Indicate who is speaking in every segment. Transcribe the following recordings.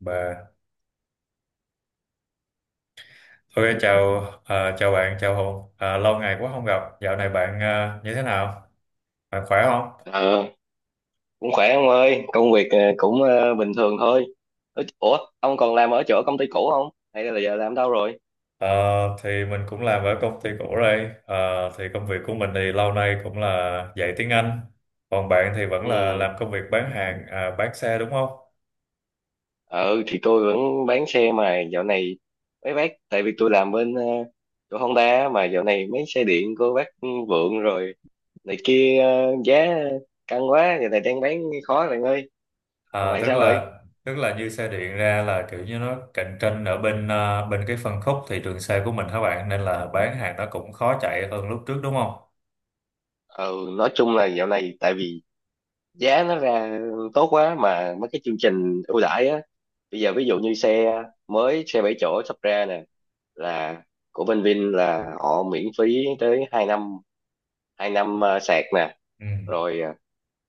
Speaker 1: Bà, thôi chào bạn, chào Hùng. À, lâu ngày quá không gặp. Dạo này bạn à, như thế nào? Bạn khỏe không?
Speaker 2: Ờ, Cũng khỏe ông ơi, công việc cũng bình thường thôi. Ủa, ông còn làm ở chỗ công ty cũ không? Hay là giờ làm đâu rồi?
Speaker 1: Ờ, thì mình cũng làm ở công ty cũ đây. Ờ, thì công việc của mình thì lâu nay cũng là dạy tiếng Anh. Còn bạn thì vẫn
Speaker 2: Ừ,
Speaker 1: là làm công việc bán hàng, à, bán xe đúng không?
Speaker 2: ừ, thì tôi vẫn bán xe mà dạo này mấy bác, tại vì tôi làm bên chỗ Honda á, mà dạo này mấy xe điện của bác Vượng rồi này kia giá căng quá, giờ này đang bán khó rồi anh ơi. Còn
Speaker 1: À,
Speaker 2: bạn
Speaker 1: tức
Speaker 2: sao rồi?
Speaker 1: là tức là như xe điện ra là kiểu như nó cạnh tranh ở bên cái phân khúc thị trường xe của mình hả bạn? Nên là bán hàng nó cũng khó chạy hơn lúc trước đúng không?
Speaker 2: Ừ, nói chung là dạo này tại vì giá nó ra tốt quá, mà mấy cái chương trình ưu đãi á, bây giờ ví dụ như xe mới, xe 7 chỗ sắp ra nè, là của bên Vin là họ miễn phí tới 2 năm, 2 năm sạc nè,
Speaker 1: Ừ.
Speaker 2: rồi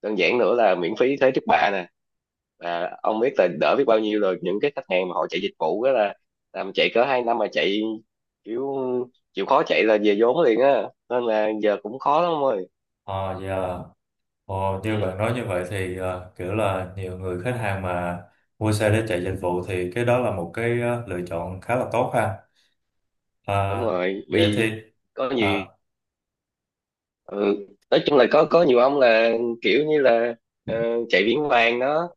Speaker 2: đơn giản nữa là miễn phí thế trước bạ nè, và ông biết là đỡ biết bao nhiêu rồi. Những cái khách hàng mà họ chạy dịch vụ đó là làm chạy cỡ 2 năm mà chạy kiểu chịu khó chạy là về vốn liền á, nên là giờ cũng khó lắm ông ơi.
Speaker 1: Ờ, dạ. Ồ, như bạn
Speaker 2: Ừ,
Speaker 1: nói như vậy thì kiểu là nhiều người khách hàng mà mua xe để chạy dịch vụ thì cái đó là một cái lựa chọn khá là tốt ha.
Speaker 2: đúng
Speaker 1: À,
Speaker 2: rồi,
Speaker 1: vậy
Speaker 2: vì
Speaker 1: thì
Speaker 2: có
Speaker 1: à,
Speaker 2: nhiều. Ừ, nói chung là có nhiều ông là kiểu như là ờ, chạy viễn vàng đó,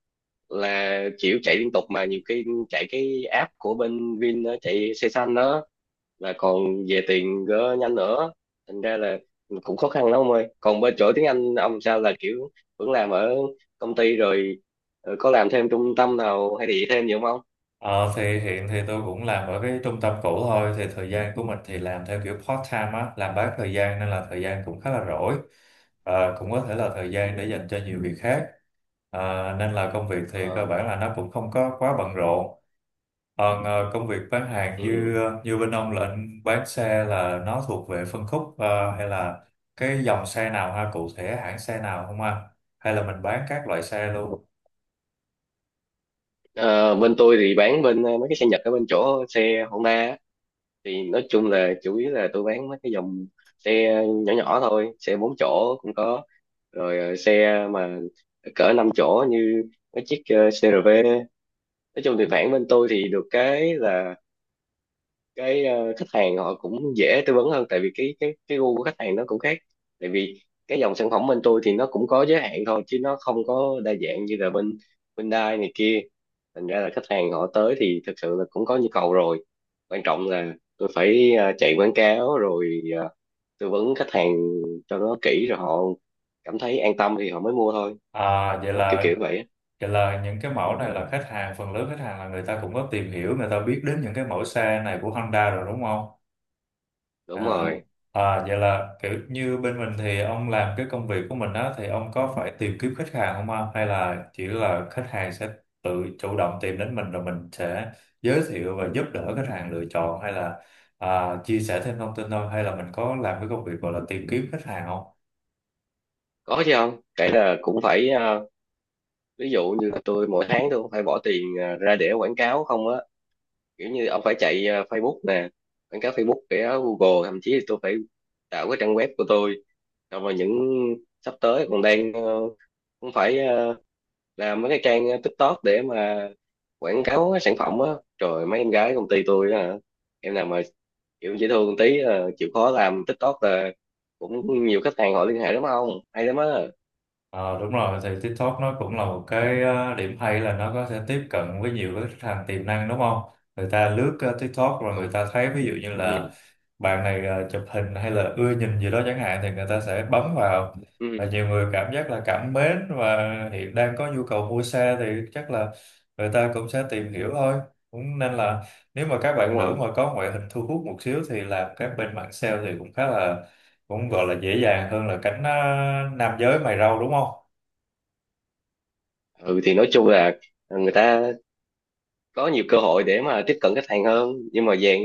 Speaker 2: là kiểu chạy liên tục mà nhiều khi chạy cái app của bên Vin đó, chạy xe xanh đó, là còn về tiền gỡ nhanh nữa, thành ra là cũng khó khăn lắm ông ơi. Còn bên chỗ tiếng Anh ông sao, là kiểu vẫn làm ở công ty rồi có làm thêm trung tâm nào hay gì thêm gì không ông?
Speaker 1: ờ, thì hiện thì tôi cũng làm ở cái trung tâm cũ thôi thì thời gian của mình thì làm theo kiểu part time á, làm bán thời gian nên là thời gian cũng khá là rỗi. Cũng có thể là thời gian để
Speaker 2: Ừ.
Speaker 1: dành cho nhiều việc khác. Nên là công việc thì cơ
Speaker 2: Ờ,
Speaker 1: bản là nó cũng không có quá bận rộn. Còn công việc bán hàng
Speaker 2: ừ.
Speaker 1: như bên ông là anh bán xe là nó thuộc về phân khúc hay là cái dòng xe nào ha, cụ thể hãng xe nào không ha, hay là mình bán các loại xe luôn.
Speaker 2: Ờ, bên tôi thì bán bên mấy cái xe Nhật ở bên chỗ xe Honda á. Thì nói chung là chủ yếu là tôi bán mấy cái dòng xe nhỏ nhỏ thôi, xe 4 chỗ cũng có, rồi xe mà cỡ 5 chỗ như cái chiếc CRV. Nói chung thì bản bên tôi thì được cái là cái khách hàng họ cũng dễ tư vấn hơn, tại vì cái gu của khách hàng nó cũng khác, tại vì cái dòng sản phẩm bên tôi thì nó cũng có giới hạn thôi, chứ nó không có đa dạng như là bên bên Dai này kia, thành ra là khách hàng họ tới thì thực sự là cũng có nhu cầu rồi. Quan trọng là tôi phải chạy quảng cáo rồi tư vấn khách hàng cho nó kỹ, rồi họ cảm thấy an tâm thì họ mới mua thôi,
Speaker 1: à, vậy
Speaker 2: đó kiểu
Speaker 1: là
Speaker 2: kiểu vậy á.
Speaker 1: vậy là những cái mẫu này là khách hàng, phần lớn khách hàng là người ta cũng có tìm hiểu, người ta biết đến những cái mẫu xe này của Honda rồi đúng không.
Speaker 2: Đúng
Speaker 1: À,
Speaker 2: rồi.
Speaker 1: à, vậy là kiểu như bên mình thì ông làm cái công việc của mình á thì ông có phải tìm kiếm khách hàng không ông, hay là chỉ là khách hàng sẽ tự chủ động tìm đến mình rồi mình sẽ giới thiệu và giúp đỡ khách hàng lựa chọn, hay là chia sẻ thêm thông tin thôi, hay là mình có làm cái công việc gọi là tìm kiếm khách hàng không?
Speaker 2: Có chứ, không kể là cũng phải ví dụ như là tôi mỗi tháng tôi cũng phải bỏ tiền ra để quảng cáo không á, kiểu như ông phải chạy Facebook nè, quảng cáo Facebook để Google, thậm chí là tôi phải tạo cái trang web của tôi, xong rồi những sắp tới còn đang cũng phải làm mấy cái trang TikTok để mà quảng cáo cái sản phẩm á. Trời, mấy em gái công ty tôi á hả? Em nào mà kiểu dễ thương tí chịu khó làm TikTok là cũng nhiều khách hàng họ liên hệ lắm, không hay lắm á.
Speaker 1: Ờ, Đúng rồi, thì TikTok nó cũng là một cái điểm hay là nó có thể tiếp cận với nhiều cái khách hàng tiềm năng đúng không? Người ta lướt TikTok rồi người
Speaker 2: Đúng.
Speaker 1: ta thấy ví dụ như
Speaker 2: Ừ,
Speaker 1: là bạn này chụp hình hay là ưa nhìn gì đó chẳng hạn thì người ta sẽ bấm vào, và
Speaker 2: ừ,
Speaker 1: nhiều người cảm giác là cảm mến và hiện đang có nhu cầu mua xe thì chắc là người ta cũng sẽ tìm hiểu thôi. Cũng nên là nếu mà các bạn
Speaker 2: đúng
Speaker 1: nữ
Speaker 2: rồi.
Speaker 1: mà có ngoại hình thu hút một xíu thì làm các bên mạng sale thì cũng khá là cũng gọi là dễ dàng hơn là cánh nam giới mày râu đúng không?
Speaker 2: Ừ, thì nói chung là người ta có nhiều cơ hội để mà tiếp cận khách hàng hơn, nhưng mà dạng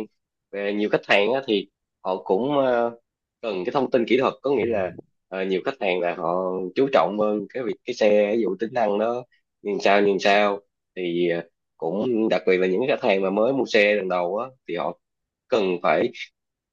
Speaker 2: về nhiều khách hàng á, thì họ cũng cần cái thông tin kỹ thuật, có nghĩa là
Speaker 1: Ừ,
Speaker 2: nhiều khách hàng là họ chú trọng hơn cái việc cái xe ví dụ tính năng nó nhìn sao nhìn sao, thì cũng đặc biệt là những khách hàng mà mới mua xe lần đầu á, thì họ cần phải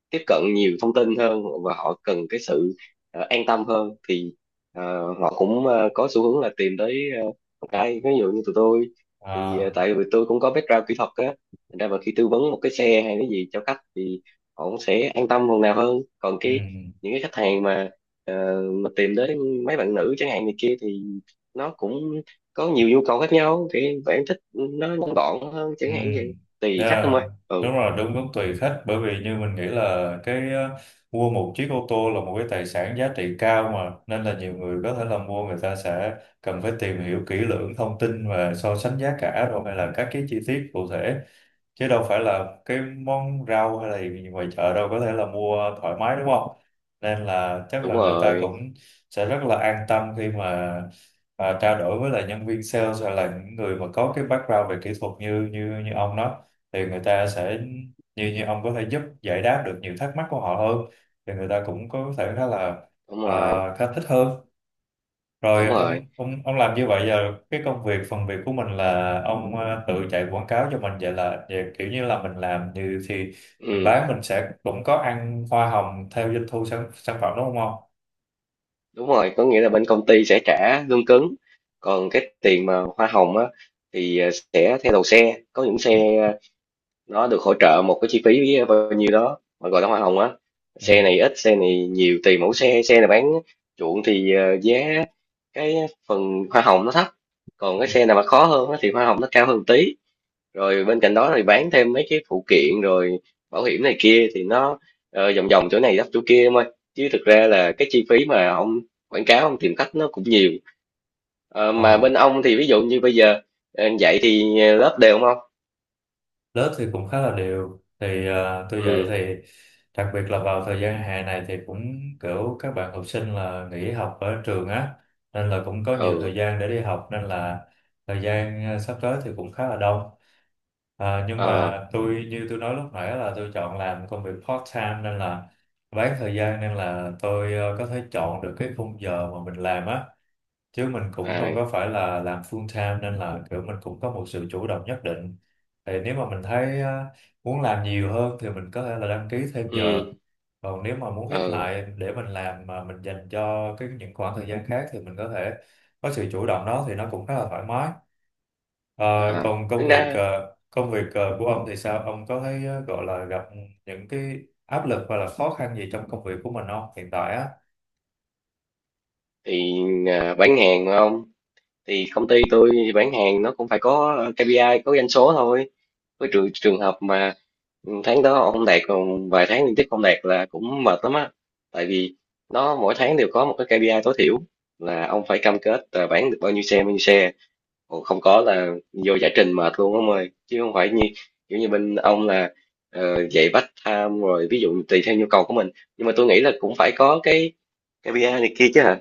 Speaker 2: tiếp cận nhiều thông tin hơn, và họ cần cái sự an tâm hơn, thì ờ, họ cũng có xu hướng là tìm tới uh, cái ví dụ như tụi tôi thì
Speaker 1: à,
Speaker 2: tại vì tôi cũng có background kỹ thuật á, thành ra mà khi tư vấn một cái xe hay cái gì cho khách thì họ cũng sẽ an tâm phần nào hơn. Còn
Speaker 1: ừ,
Speaker 2: cái những cái khách hàng mà mà tìm tới mấy bạn nữ chẳng hạn này kia thì nó cũng có nhiều nhu cầu khác nhau, thì bạn thích nó ngắn gọn hơn
Speaker 1: ừ.
Speaker 2: chẳng hạn vậy, tùy khách thôi.
Speaker 1: Yeah. Đúng
Speaker 2: Ừ,
Speaker 1: rồi, đúng đúng tùy khách, bởi vì như mình nghĩ là cái mua một chiếc ô tô là một cái tài sản giá trị cao mà, nên là nhiều người có thể là mua, người ta sẽ cần phải tìm hiểu kỹ lưỡng thông tin và so sánh giá cả rồi hay là các cái chi tiết cụ thể, chứ đâu phải là cái món rau hay là gì ngoài chợ đâu có thể là mua thoải mái đúng không, nên là chắc
Speaker 2: đúng
Speaker 1: là người ta
Speaker 2: rồi,
Speaker 1: cũng sẽ rất là an tâm khi mà trao đổi với lại nhân viên sales hay là những người mà có cái background về kỹ thuật như như như ông đó, thì người ta sẽ, như như ông có thể giúp giải đáp được nhiều thắc mắc của họ hơn thì người ta cũng có thể
Speaker 2: đúng
Speaker 1: à,
Speaker 2: rồi,
Speaker 1: khá thích hơn. Rồi
Speaker 2: đúng
Speaker 1: ông
Speaker 2: rồi.
Speaker 1: ông ông làm như vậy giờ, cái công việc phần việc của mình là ông tự chạy quảng cáo cho mình, vậy là về kiểu như là mình làm như thì mình
Speaker 2: Ừ,
Speaker 1: bán, mình sẽ cũng có ăn hoa hồng theo doanh thu sản phẩm đúng không ông?
Speaker 2: đúng rồi, có nghĩa là bên công ty sẽ trả lương cứng, còn cái tiền mà hoa hồng á thì sẽ theo đầu xe, có những xe nó được hỗ trợ một cái chi phí bao nhiêu đó mà gọi là hoa hồng á. Xe này ít, xe này nhiều, tùy mẫu xe, xe này bán chuộng thì giá cái phần hoa hồng nó thấp, còn cái xe nào mà khó hơn á thì hoa hồng nó cao hơn một tí. Rồi bên cạnh đó thì bán thêm mấy cái phụ kiện, rồi bảo hiểm này kia thì nó vòng vòng chỗ này đắp chỗ kia em ơi, chứ thực ra là cái chi phí mà ông quảng cáo ông tìm khách nó cũng nhiều. Ờ, mà
Speaker 1: Ừ.
Speaker 2: bên ông thì ví dụ như bây giờ dạy thì lớp đều không ông?
Speaker 1: Lớp thì cũng khá là đều, thì tôi dạy
Speaker 2: Ừ.
Speaker 1: thì đặc biệt là vào thời gian hè này thì cũng kiểu các bạn học sinh là nghỉ học ở trường á, nên là cũng có nhiều thời
Speaker 2: Ừ.
Speaker 1: gian để đi học, nên là thời gian sắp tới thì cũng khá là đông. Nhưng
Speaker 2: Ờ.
Speaker 1: mà tôi như tôi nói lúc nãy là tôi chọn làm công việc part time nên là bán thời gian, nên là tôi có thể chọn được cái khung giờ mà mình làm á, chứ mình cũng không
Speaker 2: À.
Speaker 1: có phải là làm full time nên là kiểu mình cũng có một sự chủ động nhất định. Thì nếu mà mình thấy muốn làm nhiều hơn thì mình có thể là đăng ký thêm giờ,
Speaker 2: Ừ.
Speaker 1: còn nếu mà muốn ít
Speaker 2: Ờ.
Speaker 1: lại để mình làm mà mình dành cho cái những khoảng thời gian khác thì mình có thể có sự chủ động đó thì nó cũng khá là thoải mái. Ờ,
Speaker 2: À,
Speaker 1: Còn công
Speaker 2: tính
Speaker 1: việc
Speaker 2: ra
Speaker 1: ờ, công việc ờ, của ông thì sao, ông có thấy gọi là gặp những cái áp lực hoặc là khó khăn gì trong công việc của mình không, hiện tại á?
Speaker 2: thì bán hàng mà không, thì công ty tôi bán hàng nó cũng phải có KPI, có doanh số thôi, với trường trường hợp mà ừ, tháng đó ông đạt, còn vài tháng liên tiếp không đạt là cũng mệt lắm á. Tại vì nó mỗi tháng đều có một cái KPI tối thiểu, là ông phải cam kết là bán được bao nhiêu xe bao nhiêu xe. Ồ, không có là vô giải trình mệt luôn ông ơi, chứ không phải như kiểu như bên ông là dạy bắt tham rồi ví dụ tùy theo nhu cầu của mình. Nhưng mà tôi nghĩ là cũng phải có cái KPI này kia chứ hả?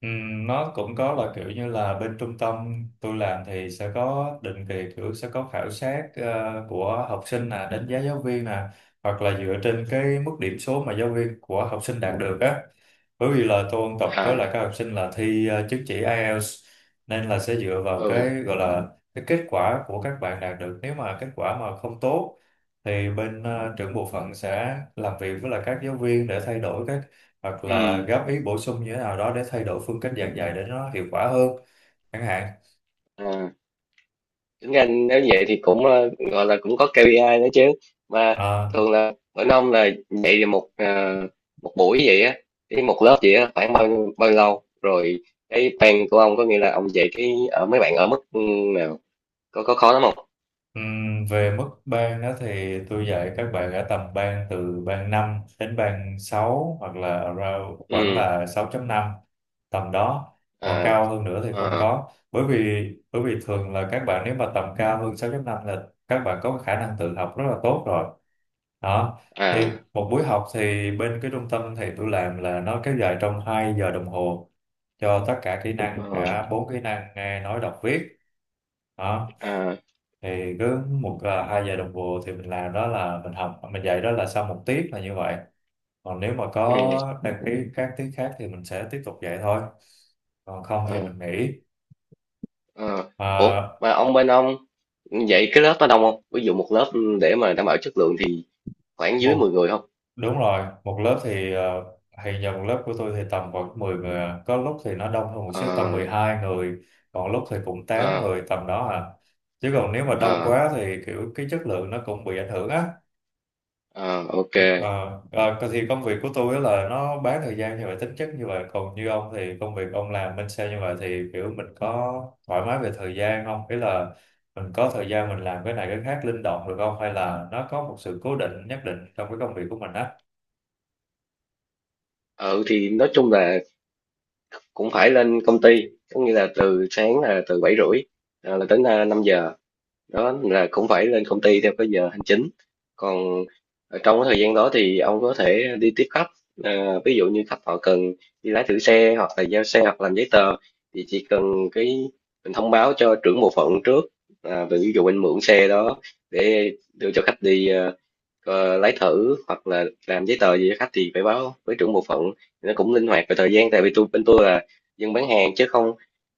Speaker 1: Ừ, nó cũng có là kiểu như là bên trung tâm tôi làm thì sẽ có định kỳ, kiểu sẽ có khảo sát của học sinh nè, đánh giá giáo viên nè, hoặc là dựa trên cái mức điểm số mà giáo viên của học sinh đạt được á, bởi vì là tôi ôn tập với lại
Speaker 2: À.
Speaker 1: các học sinh là thi chứng chỉ IELTS, nên là sẽ dựa vào cái
Speaker 2: Ừ.
Speaker 1: gọi là cái kết quả của các bạn đạt được, nếu mà kết quả mà không tốt thì bên trưởng bộ phận sẽ làm việc với lại các giáo viên để thay đổi cái, hoặc là
Speaker 2: Ừ.
Speaker 1: góp ý bổ sung như thế nào đó để thay đổi phương cách giảng dạy để nó hiệu quả hơn chẳng hạn.
Speaker 2: À, tính ra nếu vậy thì cũng gọi là cũng có KPI nữa chứ mà.
Speaker 1: Ờ,
Speaker 2: Thường là bên ông là dạy thì một một buổi vậy á, cái một lớp vậy á khoảng bao nhiêu lâu rồi cái plan của ông, có nghĩa là ông dạy cái ở mấy bạn ở mức ừ, nào, có khó lắm không?
Speaker 1: Về mức ban đó thì tôi dạy các bạn ở tầm ban, từ ban 5 đến ban 6, hoặc là around khoảng
Speaker 2: Ừ.
Speaker 1: là 6,5, tầm đó, còn
Speaker 2: À.
Speaker 1: cao hơn nữa thì không
Speaker 2: À.
Speaker 1: có, bởi vì thường là các bạn nếu mà tầm cao hơn 6,5 là các bạn có khả năng tự học rất là tốt rồi đó. Thì
Speaker 2: À.
Speaker 1: một buổi học thì bên cái trung tâm thì tôi làm là nó kéo dài trong 2 giờ đồng hồ cho tất cả kỹ năng,
Speaker 2: Ờ.
Speaker 1: cả bốn kỹ năng nghe nói đọc viết đó.
Speaker 2: À.
Speaker 1: Thì cứ hai giờ đồng hồ thì mình làm đó, là mình học mình dạy đó là sau một tiết là như vậy, còn nếu mà
Speaker 2: Ừ.
Speaker 1: có đăng ký các tiết khác thì mình sẽ tiếp tục dạy thôi, còn không thì
Speaker 2: Ờ.
Speaker 1: mình nghỉ.
Speaker 2: Ờ. Ủa,
Speaker 1: À,
Speaker 2: mà ông bên ông dạy cái lớp đó đông không, ví dụ một lớp để mà đảm bảo chất lượng thì khoảng dưới 10
Speaker 1: một
Speaker 2: người không?
Speaker 1: Đúng rồi, một lớp thì hiện giờ một lớp của tôi thì tầm khoảng 10 người à. Có lúc thì nó đông hơn một
Speaker 2: Ờ.
Speaker 1: xíu tầm 12 người, còn lúc thì cũng tám
Speaker 2: Ờ.
Speaker 1: người tầm đó à chứ còn nếu mà đông
Speaker 2: Ờ.
Speaker 1: quá thì kiểu cái chất lượng nó cũng bị ảnh hưởng á.
Speaker 2: Ờ, ok.
Speaker 1: Ờ, thì công việc của tôi á là nó bán thời gian như vậy, tính chất như vậy, còn như ông thì công việc ông làm bên sale như vậy thì kiểu mình có thoải mái về thời gian không, ý là mình có thời gian mình làm cái này cái khác linh động được không, hay là nó có một sự cố định nhất định trong cái công việc của mình á?
Speaker 2: Ừ, thì nói chung là cũng phải lên công ty, có nghĩa là từ sáng là từ 7:30 là đến 5 giờ, đó là cũng phải lên công ty theo cái giờ hành chính. Còn ở trong cái thời gian đó thì ông có thể đi tiếp khách, ví dụ như khách họ cần đi lái thử xe, hoặc là giao xe, hoặc làm giấy tờ, thì chỉ cần cái mình thông báo cho trưởng bộ phận trước, về ví dụ anh mượn xe đó để đưa cho khách đi lấy thử, hoặc là làm giấy tờ gì cho khách thì phải báo với trưởng bộ phận. Nó cũng linh hoạt về thời gian, tại vì tôi bên tôi là dân bán hàng chứ không,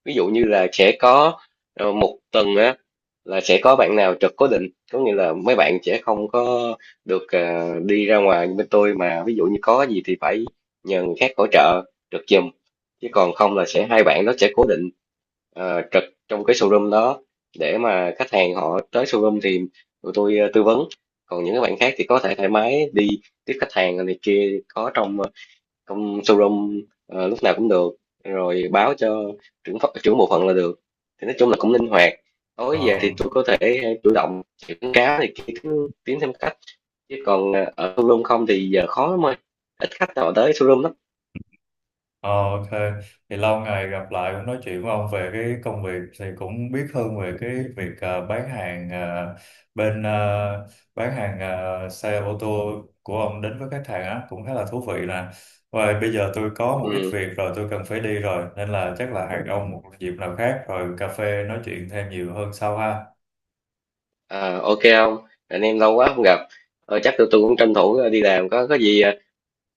Speaker 2: ví dụ như là sẽ có một tuần á là sẽ có bạn nào trực cố định, có nghĩa là mấy bạn sẽ không có được đi ra ngoài như bên tôi, mà ví dụ như có gì thì phải nhờ người khác hỗ trợ trực giùm, chứ còn không là sẽ hai bạn đó sẽ cố định trực trong cái showroom đó, để mà khách hàng họ tới showroom thì tụi tôi tư vấn. Còn những cái bạn khác thì có thể thoải mái đi tiếp khách hàng này kia, có trong không showroom lúc nào cũng được, rồi báo cho trưởng bộ phận là được. Thì nói chung là cũng linh hoạt, tối về
Speaker 1: ờ
Speaker 2: thì tôi có thể chủ động quảng cáo thì kiếm tiến thêm khách, chứ còn ở showroom không thì giờ khó lắm ơi, ít khách nào tới showroom lắm.
Speaker 1: Ờ, OK, thì lâu ngày gặp lại cũng nói chuyện với ông về cái công việc thì cũng biết hơn về cái việc bán hàng bên xe ô tô của ông đến với khách hàng á, cũng khá là thú vị nè. Và bây giờ tôi có một ít
Speaker 2: Ừ.
Speaker 1: việc rồi, tôi cần phải đi rồi, nên là chắc là hẹn ông một dịp nào khác rồi cà phê nói chuyện thêm nhiều hơn sau ha.
Speaker 2: À, ok, không anh em lâu quá không gặp, chắc tôi cũng tranh thủ đi làm, có gì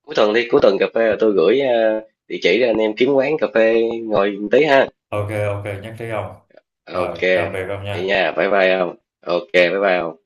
Speaker 2: cuối tuần đi, cuối tuần cà phê là tôi gửi địa chỉ cho anh em kiếm quán cà phê ngồi tí ha.
Speaker 1: OK, OK, nhắc trí ông.
Speaker 2: Ok.
Speaker 1: Rồi tạm biệt ông
Speaker 2: Vậy
Speaker 1: nha.
Speaker 2: nha, bye bye không, ok bye bye không.